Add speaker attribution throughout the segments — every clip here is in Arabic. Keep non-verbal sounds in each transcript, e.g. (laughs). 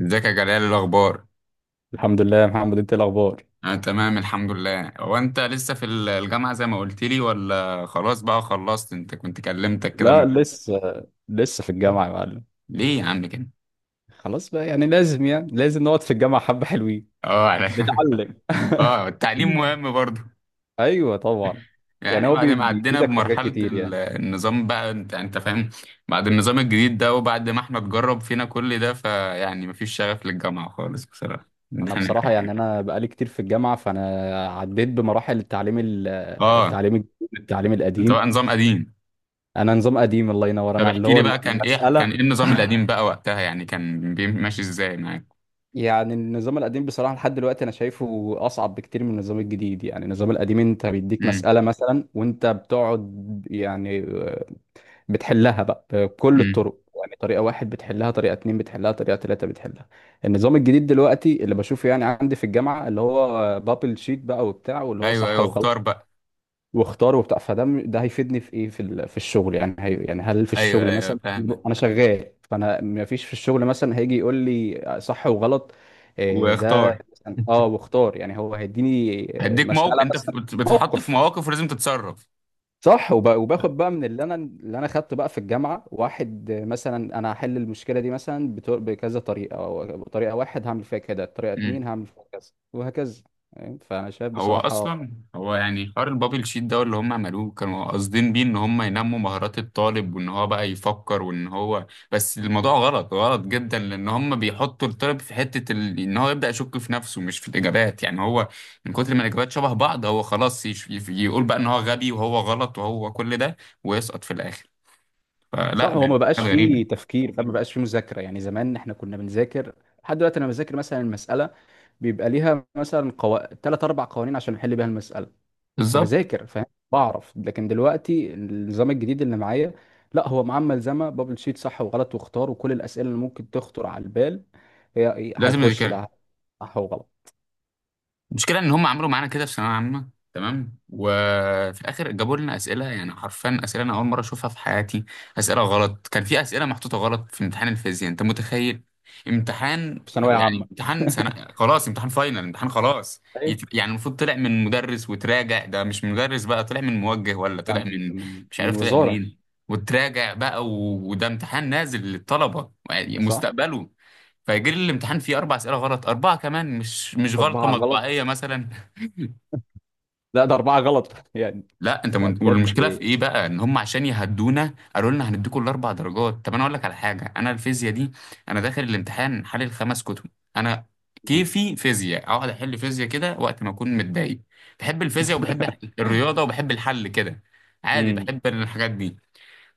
Speaker 1: ازيك يا جلال؟ إيه الاخبار؟
Speaker 2: الحمد لله يا محمد، انت ايه الاخبار؟
Speaker 1: انا تمام الحمد لله. هو انت لسه في الجامعه زي ما قلت لي ولا خلاص بقى خلصت؟ انت كنت كلمتك كده
Speaker 2: لا لسه. لسه في الجامعه يا معلم.
Speaker 1: ليه يا عم كده؟
Speaker 2: خلاص بقى، يعني لازم نقعد في الجامعه حبه حلوين.
Speaker 1: اه على... (laughs)
Speaker 2: بتعلم. (laughs)
Speaker 1: اه، التعليم مهم برضه.
Speaker 2: ايوه طبعا. يعني
Speaker 1: يعني
Speaker 2: هو
Speaker 1: بعد ما عدينا
Speaker 2: بيفيدك في حاجات
Speaker 1: بمرحله
Speaker 2: كتير يعني.
Speaker 1: النظام بقى انت فاهم. بعد النظام الجديد ده وبعد ما احنا اتجرب فينا كل ده فيعني مفيش شغف للجامعه خالص بصراحه (laughs)
Speaker 2: انا
Speaker 1: يعني.
Speaker 2: بصراحه يعني انا بقالي كتير في الجامعه، فانا عديت بمراحل التعليم
Speaker 1: اه،
Speaker 2: التعليم الجديد، التعليم
Speaker 1: انت
Speaker 2: القديم.
Speaker 1: بقى نظام قديم.
Speaker 2: انا نظام قديم، الله ينور،
Speaker 1: طب
Speaker 2: انا اللي
Speaker 1: احكي
Speaker 2: هو
Speaker 1: لي بقى، كان ايه؟ كان
Speaker 2: المساله.
Speaker 1: ايه النظام
Speaker 2: (laughs)
Speaker 1: القديم بقى وقتها؟ يعني كان ماشي ازاي معاك؟
Speaker 2: يعني النظام القديم بصراحة لحد دلوقتي أنا شايفه أصعب بكتير من النظام الجديد. يعني النظام القديم أنت بيديك مسألة مثلا، وأنت بتقعد يعني، بتحلها بقى بكل
Speaker 1: امم.
Speaker 2: الطرق. يعني طريقة واحد بتحلها، طريقة اتنين بتحلها، طريقة تلاتة بتحلها. النظام الجديد دلوقتي اللي بشوفه يعني عندي في الجامعة اللي هو بابل شيت بقى وبتاع، واللي هو
Speaker 1: ايوه
Speaker 2: صح
Speaker 1: ايوه، اختار
Speaker 2: وغلط،
Speaker 1: بقى.
Speaker 2: واختار وبتاع. ده هيفيدني في ايه، في الشغل يعني. هي يعني هل في
Speaker 1: ايوه
Speaker 2: الشغل
Speaker 1: ايوه
Speaker 2: مثلا
Speaker 1: فاهمك.
Speaker 2: انا شغال؟ فانا ما فيش في الشغل مثلا هيجي يقول لي صح وغلط. إيه ده
Speaker 1: واختار.
Speaker 2: مثلاً؟ اه واختار يعني، هو هيديني
Speaker 1: هديك موقف.
Speaker 2: مسألة
Speaker 1: انت
Speaker 2: مثلا.
Speaker 1: بتتحط في
Speaker 2: موقف
Speaker 1: مواقف ولازم تتصرف.
Speaker 2: صح. وباخد بقى من اللي انا خدته بقى في الجامعه واحد، مثلا انا هحل المشكله دي مثلا بكذا طريقه، أو بطريقه واحد هعمل فيها كده، طريقه
Speaker 1: امم.
Speaker 2: اتنين هعمل فيها كذا، وهكذا يعني. فانا شايف
Speaker 1: هو
Speaker 2: بصراحه.
Speaker 1: اصلا هو يعني حوار البابل شيت ده اللي هم عملوه كانوا قاصدين بيه ان هم ينموا مهارات الطالب وان هو بقى يفكر وان هو، بس الموضوع غلط غلط جدا، لان هم بيحطوا الطالب في حتة ان هو يبدأ يشك في نفسه مش في الاجابات. يعني هو من كتر ما الاجابات شبه بعض هو خلاص يقول بقى ان هو غبي وهو غلط وهو كل ده ويسقط في الاخر.
Speaker 2: صح،
Speaker 1: فلا،
Speaker 2: هو
Speaker 1: دي
Speaker 2: ما بقاش
Speaker 1: حاجه غريبه.
Speaker 2: فيه تفكير، فما بقاش فيه مذاكره يعني. زمان احنا كنا بنذاكر. لحد دلوقتي انا بذاكر مثلا المساله بيبقى ليها مثلا تلات اربع قوانين عشان احل بيها المساله.
Speaker 1: بالظبط.
Speaker 2: فبذاكر فاهم بعرف. لكن دلوقتي النظام الجديد اللي معايا، لا هو معاه ملزمه بابل شيت صح وغلط واختار وكل الاسئله اللي ممكن تخطر على البال هي إيه،
Speaker 1: لازم
Speaker 2: هيخش
Speaker 1: نذاكرها.
Speaker 2: بقى صح وغلط.
Speaker 1: المشكله ان هم عملوا معانا كده في ثانويه عامه تمام، وفي الاخر جابوا لنا اسئله يعني حرفيا اسئله انا اول مره اشوفها في حياتي. اسئله غلط. كان في اسئله محطوطه غلط في امتحان الفيزياء، انت متخيل؟ امتحان،
Speaker 2: في ثانويه
Speaker 1: يعني
Speaker 2: عامه.
Speaker 1: امتحان
Speaker 2: (laughs)
Speaker 1: سنة، خلاص امتحان فاينل، امتحان خلاص.
Speaker 2: ايه
Speaker 1: يعني المفروض طلع من مدرس وتراجع، ده مش مدرس بقى، طلع من موجه ولا
Speaker 2: بتاع
Speaker 1: طلع
Speaker 2: من
Speaker 1: من،
Speaker 2: من
Speaker 1: مش
Speaker 2: من
Speaker 1: عارف طلع
Speaker 2: وزاره.
Speaker 1: منين، وتراجع بقى، وده امتحان نازل للطلبة يعني
Speaker 2: صح،
Speaker 1: مستقبله. فيجي لي الامتحان فيه اربع اسئله غلط، اربعه كمان مش غلطه
Speaker 2: اربعه غلط.
Speaker 1: مطبعيه مثلا.
Speaker 2: لا ده اربعه غلط (laughs) يعني.
Speaker 1: لا انت
Speaker 2: لا
Speaker 1: من...
Speaker 2: بجد.
Speaker 1: والمشكله في ايه بقى؟ ان هم عشان يهدونا قالوا لنا هنديكوا الاربع درجات. طب انا اقول لك على حاجه، انا الفيزياء دي انا داخل الامتحان حلل خمس كتب. انا
Speaker 2: مم.
Speaker 1: كيفي فيزياء، اقعد احل فيزياء كده وقت ما اكون متضايق. بحب الفيزياء وبحب
Speaker 2: (laughs)
Speaker 1: الرياضه وبحب الحل كده. عادي،
Speaker 2: مم.
Speaker 1: بحب الحاجات دي.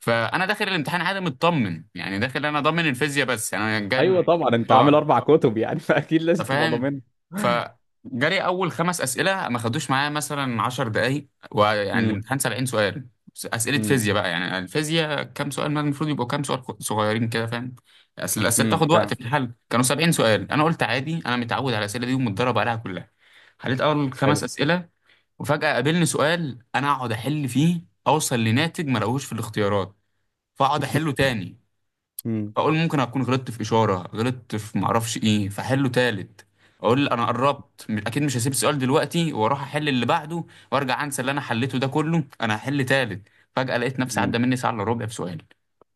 Speaker 1: فانا داخل الامتحان عادي مطمن، يعني داخل انا ضامن الفيزياء بس انا جايب.
Speaker 2: ايوه طبعا، انت عامل
Speaker 1: اه،
Speaker 2: اربع كتب يعني (laughs) فاكيد
Speaker 1: انت
Speaker 2: لازم تبقى
Speaker 1: فاهم.
Speaker 2: ضامن.
Speaker 1: فجري اول خمس اسئله ما خدوش معايا مثلا 10 دقائق، ويعني
Speaker 2: امم.
Speaker 1: الامتحان 70 سؤال، اسئله
Speaker 2: امم.
Speaker 1: فيزياء بقى. يعني الفيزياء كام سؤال؟ ما المفروض يبقوا كام سؤال صغيرين كده، فاهم؟ اصل الاسئله
Speaker 2: امم.
Speaker 1: بتاخد وقت
Speaker 2: فاهم.
Speaker 1: في الحل. كانوا 70 سؤال، انا قلت عادي انا متعود على الاسئله دي ومتدرب عليها كلها. حليت اول
Speaker 2: حلو.
Speaker 1: خمس اسئله، وفجاه قابلني سؤال انا اقعد احل فيه اوصل لناتج ما لقوهوش في الاختيارات. فاقعد احله تاني،
Speaker 2: امم.
Speaker 1: اقول ممكن اكون غلطت في اشاره، غلطت في معرفش ايه. فحله تالت، اقول انا قربت اكيد مش هسيب السؤال دلوقتي واروح احل اللي بعده وارجع انسى اللي انا حليته ده كله. انا هحل تالت. فجاه لقيت نفسي عدى
Speaker 2: امم.
Speaker 1: مني ساعه الا ربع بسؤال.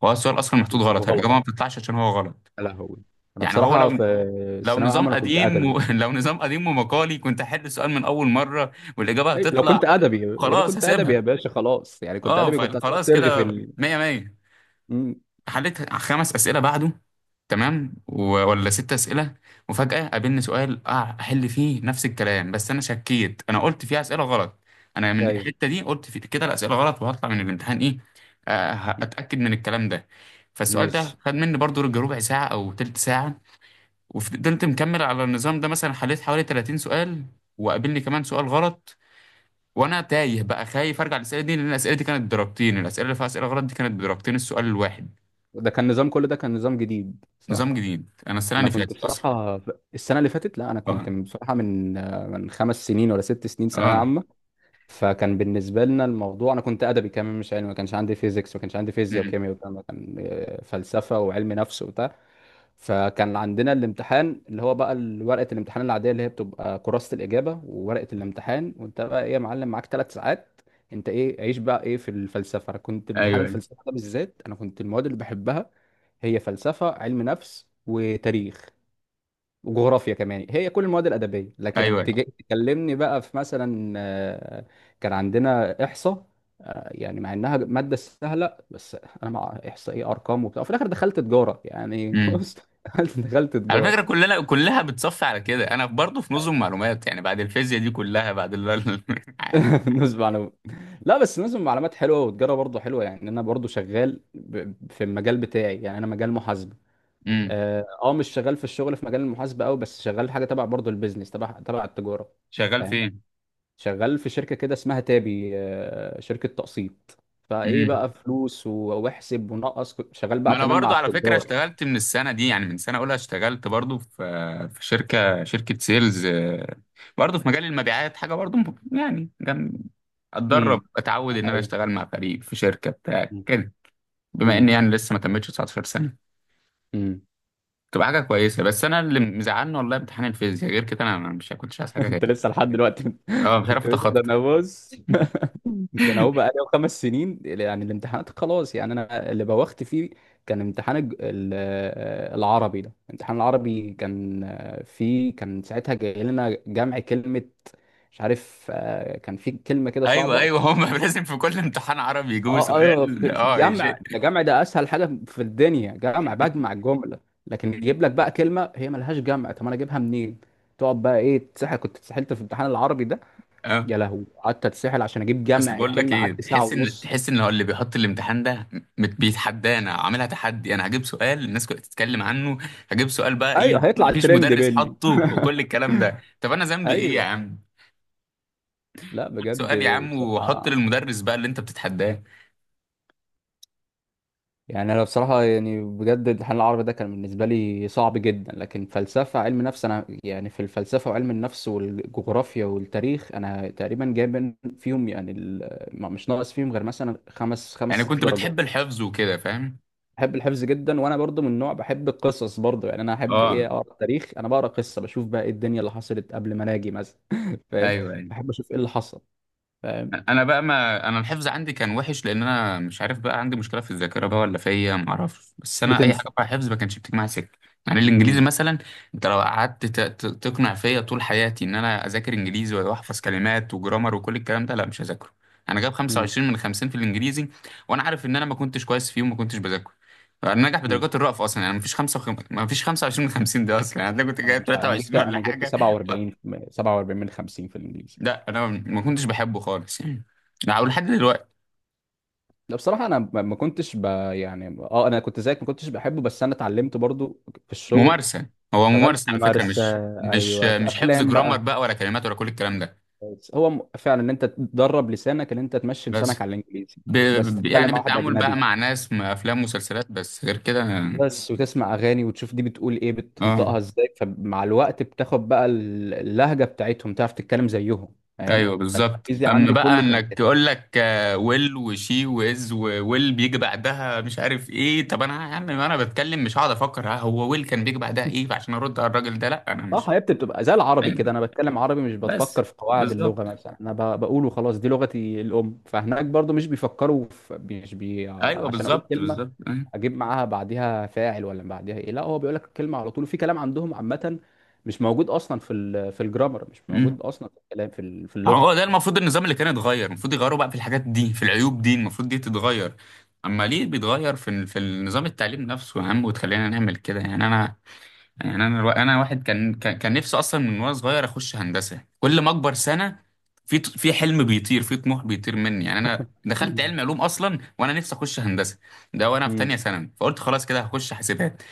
Speaker 1: هو السؤال اصلا محطوط غلط، الاجابه
Speaker 2: وغلط.
Speaker 1: ما بتطلعش عشان هو غلط.
Speaker 2: يا لهوي، انا
Speaker 1: يعني هو
Speaker 2: بصراحه
Speaker 1: لو،
Speaker 2: في
Speaker 1: لو
Speaker 2: الثانويه
Speaker 1: نظام
Speaker 2: العامه انا كنت
Speaker 1: قديم
Speaker 2: ادبي.
Speaker 1: (laughs) لو نظام قديم ومقالي كنت احل السؤال من اول مره والاجابه
Speaker 2: لو
Speaker 1: هتطلع،
Speaker 2: كنت ادبي يا بيه،
Speaker 1: خلاص
Speaker 2: كنت ادبي يا
Speaker 1: هسيبها.
Speaker 2: باشا، خلاص يعني كنت
Speaker 1: اه،
Speaker 2: ادبي كنت هتقعد
Speaker 1: فخلاص
Speaker 2: ترغي في
Speaker 1: كده
Speaker 2: ال...
Speaker 1: مية مية.
Speaker 2: امم.
Speaker 1: حليت خمس اسئله بعده تمام، ولا ست اسئله، وفجاه قابلني سؤال اه احل فيه نفس الكلام. بس انا شكيت، انا قلت فيه اسئله غلط. انا من
Speaker 2: ايوه.
Speaker 1: الحته دي قلت في كده الاسئله غلط، وهطلع من الامتحان ايه؟ آه
Speaker 2: مم.
Speaker 1: اتاكد من الكلام ده. فالسؤال
Speaker 2: ماشي.
Speaker 1: ده خد مني برضو ربع ساعه او تلت ساعه، وفضلت مكمل على النظام ده. مثلا حليت حوالي 30 سؤال وقابلني كمان سؤال غلط، وانا تايه بقى خايف ارجع الاسئله دي، لان الاسئله دي كانت بدرجتين، الاسئله اللي فيها اسئله غلط دي كانت بدرجتين السؤال الواحد.
Speaker 2: ده كان نظام، كل ده كان نظام جديد، صح؟
Speaker 1: نظام جديد، انا السنه
Speaker 2: انا
Speaker 1: اللي
Speaker 2: كنت
Speaker 1: فاتت اصلا.
Speaker 2: بصراحه. السنه اللي فاتت لا، انا كنت
Speaker 1: اه،
Speaker 2: بصراحه من 5 سنين ولا 6 سنين ثانويه
Speaker 1: اه.
Speaker 2: عامه. فكان بالنسبه لنا الموضوع انا كنت ادبي كمان مش علمي، ما كانش عندي فيزيكس، ما كانش عندي فيزياء
Speaker 1: امم.
Speaker 2: وكيمياء وبتاع. ما كان، فلسفه وعلم نفس وبتاع. فكان عندنا الامتحان اللي هو بقى ورقه الامتحان العاديه، اللي هي بتبقى كراسه الاجابه وورقه الامتحان، وانت بقى ايه يا معلم معاك 3 ساعات. انت ايه عيش بقى، ايه في الفلسفه؟ انا كنت امتحان
Speaker 1: ايوه
Speaker 2: الفلسفه ده بالذات، انا كنت المواد اللي بحبها هي فلسفه، علم نفس، وتاريخ، وجغرافيا كمان. هي كل المواد الادبيه،
Speaker 1: ايوه
Speaker 2: لكن تجي
Speaker 1: ايوه.
Speaker 2: تكلمني بقى في مثلا، كان عندنا احصاء. يعني مع انها ماده سهله، بس انا مع احصاء ايه، ارقام وبتاع، في الاخر دخلت تجاره يعني. (laughs)
Speaker 1: امم.
Speaker 2: بص، دخلت
Speaker 1: على
Speaker 2: تجاره.
Speaker 1: فكره كلنا كلها بتصفي على كده. انا برضه في نظم معلومات، يعني بعد الفيزياء دي كلها، بعد ال (laughs) عادي.
Speaker 2: (laughs) نسبة معلومات. لا بس نسبة معلومات حلوه وتجاره برضه حلوه يعني، انا برضه شغال في المجال بتاعي يعني، انا مجال محاسبه.
Speaker 1: امم.
Speaker 2: اه، مش شغال في الشغل في مجال المحاسبه قوي، بس شغال حاجه تبع برضه البيزنس تبع التجاره.
Speaker 1: شغال
Speaker 2: فاهم.
Speaker 1: فين؟
Speaker 2: شغال في شركة كده اسمها تابي، شركة تقسيط. فايه
Speaker 1: امم.
Speaker 2: بقى فلوس واحسب ونقص، كنت شغال
Speaker 1: ما
Speaker 2: بقى
Speaker 1: انا
Speaker 2: كمان مع
Speaker 1: برضه على فكره
Speaker 2: التجار.
Speaker 1: اشتغلت من السنه دي، يعني من سنه اولى اشتغلت برضه في، في شركه، شركه سيلز آه، برضه في مجال المبيعات. حاجه برضه يعني جنب، اتدرب،
Speaker 2: امم.
Speaker 1: اتعود ان انا
Speaker 2: ايوه.
Speaker 1: اشتغل مع فريق في شركه بتاع
Speaker 2: امم.
Speaker 1: كده. بما
Speaker 2: امم.
Speaker 1: اني يعني لسه ما تمتش 19 سنه،
Speaker 2: أمم.
Speaker 1: تبقى حاجه كويسه. بس انا اللي مزعلني والله امتحان الفيزياء، غير كده انا، مش كنتش عايز
Speaker 2: (laughs)
Speaker 1: حاجه تاني.
Speaker 2: انت لسه لحد دلوقتي
Speaker 1: اه، مش
Speaker 2: (laughs) يا
Speaker 1: عارف
Speaker 2: باشا، ده
Speaker 1: اتخطى.
Speaker 2: انا بص. (laughs) ده انا هو بقى
Speaker 1: (laughs)
Speaker 2: لي 5 سنين يعني الامتحانات خلاص يعني، انا اللي بوخت فيه. كان امتحان العربي ده، امتحان العربي كان، فيه كان ساعتها جاي لنا جمع كلمة. مش عارف، كان في كلمة كده
Speaker 1: ايوه
Speaker 2: صعبة.
Speaker 1: ايوه هم (laughs) لازم في كل امتحان عربي يجيبوا
Speaker 2: اه، اه،
Speaker 1: سؤال
Speaker 2: في
Speaker 1: اه
Speaker 2: جمع،
Speaker 1: يشيء.
Speaker 2: ده جمع، ده اسهل حاجه في الدنيا، جمع بجمع الجمله. لكن يجيب لك بقى كلمه هي ملهاش جمع، طب انا اجيبها منين؟ تقعد بقى ايه، تسحل. كنت اتسحلت في امتحان العربي ده.
Speaker 1: اه،
Speaker 2: يا لهوي، قعدت اتسحل عشان اجيب
Speaker 1: اصل
Speaker 2: جمع
Speaker 1: بقول لك
Speaker 2: الكلمه،
Speaker 1: ايه،
Speaker 2: قعدت ساعه
Speaker 1: تحس ان
Speaker 2: ونص.
Speaker 1: تحس ان هو اللي بيحط الامتحان ده بيتحدانا، عاملها تحدي. انا هجيب سؤال الناس كلها تتكلم عنه، هجيب سؤال بقى ايه،
Speaker 2: ايوه، هيطلع
Speaker 1: مفيش
Speaker 2: الترند
Speaker 1: مدرس
Speaker 2: مني.
Speaker 1: حطه وكل الكلام ده. طب انا ذنبي ايه يا
Speaker 2: ايوه.
Speaker 1: عم؟
Speaker 2: لا
Speaker 1: خد
Speaker 2: بجد
Speaker 1: سؤال يا عم وحط
Speaker 2: بصراحه.
Speaker 1: للمدرس بقى اللي انت بتتحداه.
Speaker 2: يعني انا بصراحه يعني بجد الامتحان العربي ده كان بالنسبه لي صعب جدا. لكن فلسفه علم نفس، انا يعني في الفلسفه وعلم النفس والجغرافيا والتاريخ انا تقريبا جايب فيهم يعني، مش ناقص فيهم غير مثلا خمس، خمس
Speaker 1: يعني
Speaker 2: ست
Speaker 1: كنت بتحب
Speaker 2: درجات.
Speaker 1: الحفظ وكده، فاهم؟
Speaker 2: بحب الحفظ جدا، وانا برضو من نوع بحب القصص. برضو يعني انا احب
Speaker 1: اه،
Speaker 2: ايه، اقرا تاريخ، انا بقرا قصه، بشوف بقى ايه الدنيا اللي حصلت قبل ما اجي مثلا. (laughs) فاهم.
Speaker 1: ايوه ايوه.
Speaker 2: بحب اشوف ايه اللي حصل. فاهم.
Speaker 1: انا بقى، ما انا الحفظ عندي كان وحش لان انا مش عارف بقى، عندي مشكله في الذاكره بقى ولا فيا، ما اعرفش. بس انا اي حاجه
Speaker 2: بتنسى.
Speaker 1: بقى حفظ ما كانش بتيجي معايا سكه. يعني الانجليزي مثلا، انت لو قعدت تقنع فيا طول حياتي ان انا اذاكر انجليزي واحفظ كلمات وجرامر وكل الكلام ده، لا مش هذاكره. انا جايب
Speaker 2: امم.
Speaker 1: 25 من 50 في الانجليزي، وانا عارف ان انا ما كنتش كويس فيه وما كنتش بذاكره. انا ناجح بدرجات الرأف اصلا، يعني ما فيش 5، ما فيش 25 من 50 ده اصلا، يعني انا كنت
Speaker 2: انا
Speaker 1: جايب
Speaker 2: مش عارف. انا جبت
Speaker 1: 23 ولا
Speaker 2: انا جبت
Speaker 1: حاجه.
Speaker 2: 47. 47 من 50 في الانجليزي.
Speaker 1: لا انا ما كنتش بحبه خالص يعني. لا، ولحد دلوقتي.
Speaker 2: ده بصراحه انا ما كنتش ب... يعني اه، انا كنت زيك ما كنتش بحبه، بس انا اتعلمت برضو في الشغل.
Speaker 1: ممارسة. هو
Speaker 2: اشتغلت
Speaker 1: ممارسة على فكرة،
Speaker 2: ممارسه.
Speaker 1: مش مش
Speaker 2: ايوه في
Speaker 1: مش حفظ
Speaker 2: افلام
Speaker 1: جرامر
Speaker 2: بقى.
Speaker 1: بقى ولا كلمات ولا كل الكلام ده.
Speaker 2: بس هو فعلا ان انت تدرب لسانك، ان انت تمشي
Speaker 1: بس
Speaker 2: لسانك على الانجليزي. بس تتكلم
Speaker 1: يعني
Speaker 2: مع واحد
Speaker 1: بالتعامل بقى
Speaker 2: اجنبي
Speaker 1: مع ناس، مع أفلام ومسلسلات بس، غير كده.
Speaker 2: بس، وتسمع اغاني وتشوف دي بتقول ايه،
Speaker 1: اه،
Speaker 2: بتنطقها ازاي، فمع الوقت بتاخد بقى اللهجه بتاعتهم، تعرف تتكلم زيهم. فاهم،
Speaker 1: ايوه بالظبط.
Speaker 2: فالانجليزي
Speaker 1: اما
Speaker 2: عندي
Speaker 1: بقى
Speaker 2: كله كان.
Speaker 1: انك يقول لك آه، ويل وشي وإز وويل بيجي بعدها مش عارف ايه، طب انا يا عم انا بتكلم مش هقعد افكر ها هو ويل كان بيجي بعدها ايه عشان ارد على الراجل ده، لا انا
Speaker 2: صح
Speaker 1: مش.
Speaker 2: حبيبتي، بتبقى زي العربي كده،
Speaker 1: ايوه،
Speaker 2: انا بتكلم عربي مش
Speaker 1: بس.
Speaker 2: بتفكر في قواعد اللغه
Speaker 1: بالظبط.
Speaker 2: مثلا. انا بقول وخلاص، دي لغتي الام، فهناك برضو مش بيفكروا في، مش بي
Speaker 1: ايوه
Speaker 2: عشان اقول
Speaker 1: بالظبط
Speaker 2: كلمه
Speaker 1: بالظبط أيوة.
Speaker 2: اجيب معاها بعديها فاعل ولا بعديها ايه. لا هو بيقول لك الكلمه على طول. في كلام عندهم عامه مش موجود اصلا في الجرامر، مش موجود اصلا في الكلام في اللغه
Speaker 1: هو ده
Speaker 2: يعني.
Speaker 1: المفروض النظام اللي كان يتغير، المفروض يغيروا بقى في الحاجات دي في العيوب دي، المفروض دي تتغير. اما ليه بيتغير في في النظام التعليم نفسه يا عم وتخلينا نعمل كده؟ يعني انا انا واحد كان نفسي اصلا من وانا صغير اخش هندسه. كل ما اكبر سنه في في حلم بيطير، في طموح بيطير مني. يعني انا دخلت
Speaker 2: مم.
Speaker 1: علم علوم اصلا وانا نفسي اخش هندسه. ده وانا في
Speaker 2: امم.
Speaker 1: تانية ثانوي، فقلت خلاص كده هخش حاسبات.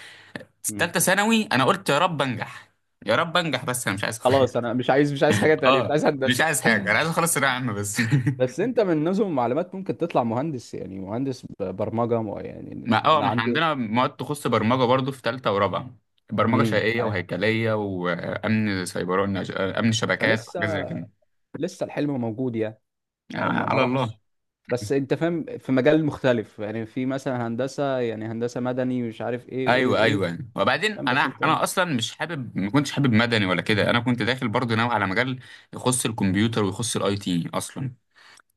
Speaker 1: في
Speaker 2: امم.
Speaker 1: تالتة ثانوي انا قلت يا رب انجح، يا رب انجح بس انا مش عايز. (laughs)
Speaker 2: خلاص انا مش عايز، مش عايز حاجه تانية، مش
Speaker 1: اه،
Speaker 2: عايز
Speaker 1: مش
Speaker 2: هندسه.
Speaker 1: عايز حاجه، انا عايز اخلص ثانويه عامه بس. (laughs)
Speaker 2: بس انت من نظم المعلومات ممكن تطلع مهندس، يعني مهندس برمجه يعني.
Speaker 1: ما اه
Speaker 2: انا
Speaker 1: ما احنا
Speaker 2: عندي.
Speaker 1: عندنا مواد تخص برمجة برضو في تالتة ورابعة. برمجة
Speaker 2: امم.
Speaker 1: شيئية وهيكلية وأمن سيبراني، أمن شبكات
Speaker 2: فلسه،
Speaker 1: وحاجات زي كده.
Speaker 2: لسه الحلم موجود يعني،
Speaker 1: يعني
Speaker 2: يعني ما
Speaker 1: على الله.
Speaker 2: راحش. بس انت فاهم في مجال مختلف يعني، في مثلا هندسه يعني هندسه مدني ومش عارف ايه وايه
Speaker 1: أيوه
Speaker 2: وايه.
Speaker 1: أيوه. وبعدين
Speaker 2: فاهم.
Speaker 1: أنا
Speaker 2: بس انت
Speaker 1: أنا
Speaker 2: ايه.
Speaker 1: أصلا مش حابب، ما كنتش حابب مدني ولا كده. أنا كنت داخل برضو ناوي على مجال يخص الكمبيوتر ويخص الأي تي أصلا.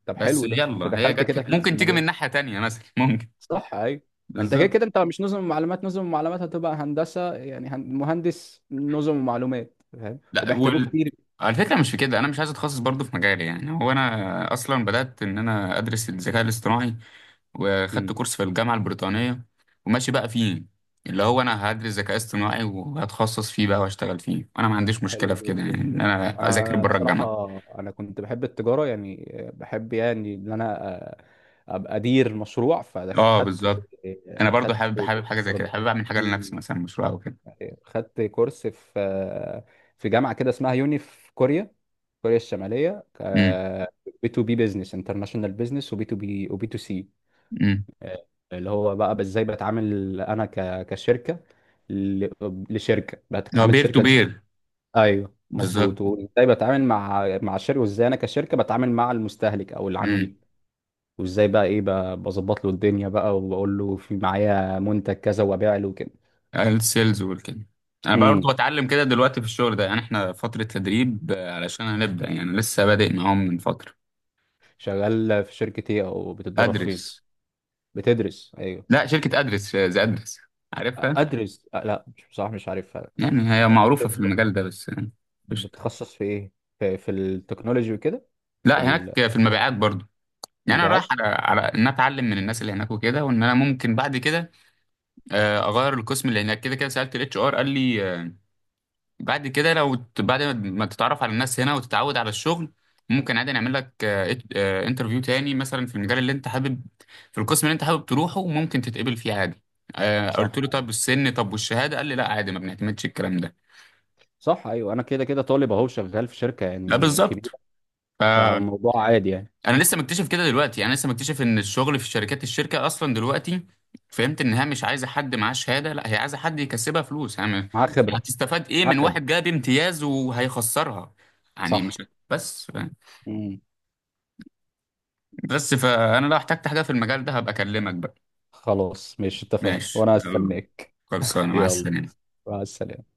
Speaker 2: طب
Speaker 1: بس
Speaker 2: حلو ده، ما انت
Speaker 1: يلا هي
Speaker 2: دخلت كده
Speaker 1: جت،
Speaker 2: في نفس
Speaker 1: ممكن تيجي من
Speaker 2: المجال.
Speaker 1: ناحية تانية مثلا. (laughs) ممكن.
Speaker 2: صح ايوه. ما انت كده
Speaker 1: بالظبط.
Speaker 2: كده انت مش نظم معلومات، نظم معلومات هتبقى هندسه يعني مهندس نظم ومعلومات، فاهم،
Speaker 1: لا
Speaker 2: وبيحتاجوه
Speaker 1: وال...
Speaker 2: كتير.
Speaker 1: على فكرة، مش في كده أنا مش عايز أتخصص برضو في مجالي. يعني هو أنا أصلا بدأت إن أنا أدرس الذكاء الاصطناعي، وخدت
Speaker 2: مم.
Speaker 1: كورس في الجامعة البريطانية وماشي بقى فيه، اللي هو انا هدرس ذكاء اصطناعي وهتخصص فيه بقى واشتغل فيه. وانا ما عنديش مشكلة
Speaker 2: حلو
Speaker 1: في كده
Speaker 2: جدا
Speaker 1: يعني، ان
Speaker 2: ده.
Speaker 1: انا اذاكر
Speaker 2: انا
Speaker 1: بره
Speaker 2: بصراحه،
Speaker 1: الجامعة.
Speaker 2: انا كنت بحب التجاره يعني، بحب يعني ان انا أ- ابقى ادير مشروع،
Speaker 1: اه،
Speaker 2: فخدت.
Speaker 1: بالظبط. انا برضو
Speaker 2: خدت
Speaker 1: حابب
Speaker 2: كورس
Speaker 1: حاجة زي كده،
Speaker 2: برضه.
Speaker 1: حابب اعمل حاجة لنفسي
Speaker 2: مم.
Speaker 1: مثلا مشروع او كده.
Speaker 2: خدت كورس في، في جامعه كده اسمها يوني في كوريا، كوريا الشماليه.
Speaker 1: امم.
Speaker 2: بي تو بي، بزنس انترناشونال بزنس، وبي تو بي، وبي تو سي،
Speaker 1: امم.
Speaker 2: آه، اللي هو بقى ازاي بتعامل انا كشركه ل- لشركه،
Speaker 1: هو
Speaker 2: بتعامل
Speaker 1: بير تو
Speaker 2: شركه.
Speaker 1: بير.
Speaker 2: ايوه مظبوط.
Speaker 1: بالظبط.
Speaker 2: وازاي بتعامل مع الشركه، وازاي انا كشركه بتعامل مع المستهلك او
Speaker 1: امم.
Speaker 2: العميل. وازاي بقى ايه بظبط له الدنيا بقى، وبقول له في معايا منتج كذا وابيع له كده.
Speaker 1: السيلز والكده. انا برضو
Speaker 2: امم.
Speaker 1: بتعلم كده دلوقتي في الشغل ده، يعني احنا فترة تدريب آه، علشان هنبدأ، يعني لسه بادئ معاهم من فترة.
Speaker 2: شغال في شركه ايه، او بتتدرب فين؟
Speaker 1: ادرس.
Speaker 2: بتدرس. ايوه.
Speaker 1: لا شركة ادرس آه، زي ادرس، عارفها.
Speaker 2: ادرس. لا مش، بصراحه مش عارفها.
Speaker 1: يعني هي
Speaker 2: طب
Speaker 1: معروفة في المجال ده بس يعني. قشطة.
Speaker 2: بتتخصص في ايه، في التكنولوجي وكده؟ في
Speaker 1: لا هناك في المبيعات برضو. يعني انا رايح
Speaker 2: المبيعات.
Speaker 1: على ان أنا اتعلم من الناس اللي هناك وكده، وان انا ممكن بعد كده آه، اغير القسم. اللي هناك كده كده، سالت الاتش ار، قال لي آه، بعد كده لو بعد ما تتعرف على الناس هنا وتتعود على الشغل، ممكن عادي نعمل لك انترفيو تاني مثلا في المجال اللي انت حابب، في القسم اللي انت حابب تروحه، وممكن تتقبل فيه عادي. آه، قلت
Speaker 2: صح
Speaker 1: له
Speaker 2: ايوه.
Speaker 1: طب السن، طب والشهاده، قال لي لا عادي، ما بنعتمدش الكلام ده.
Speaker 2: صح ايوه، انا كده كده طالب اهو شغال في شركه
Speaker 1: لا
Speaker 2: يعني
Speaker 1: بالظبط.
Speaker 2: كبيره، فموضوع عادي يعني.
Speaker 1: انا لسه مكتشف كده دلوقتي، يعني انا لسه مكتشف ان الشغل في الشركات، الشركه اصلا دلوقتي فهمت انها مش عايزه حد معاه شهاده، لا هي عايزه حد يكسبها فلوس يعني، يعني
Speaker 2: معاه خبره.
Speaker 1: هتستفاد ايه
Speaker 2: معاه
Speaker 1: من
Speaker 2: خبره.
Speaker 1: واحد جاب امتياز وهيخسرها؟ يعني
Speaker 2: صح.
Speaker 1: مش. بس
Speaker 2: مم.
Speaker 1: بس فانا لو احتجت حاجه في المجال ده هبقى اكلمك بقى.
Speaker 2: خلاص ماشي، اتفقنا،
Speaker 1: ماشي
Speaker 2: وانا
Speaker 1: يلا.
Speaker 2: هستناك.
Speaker 1: خلصانه، مع
Speaker 2: يلا،
Speaker 1: السلامه.
Speaker 2: مع السلامة.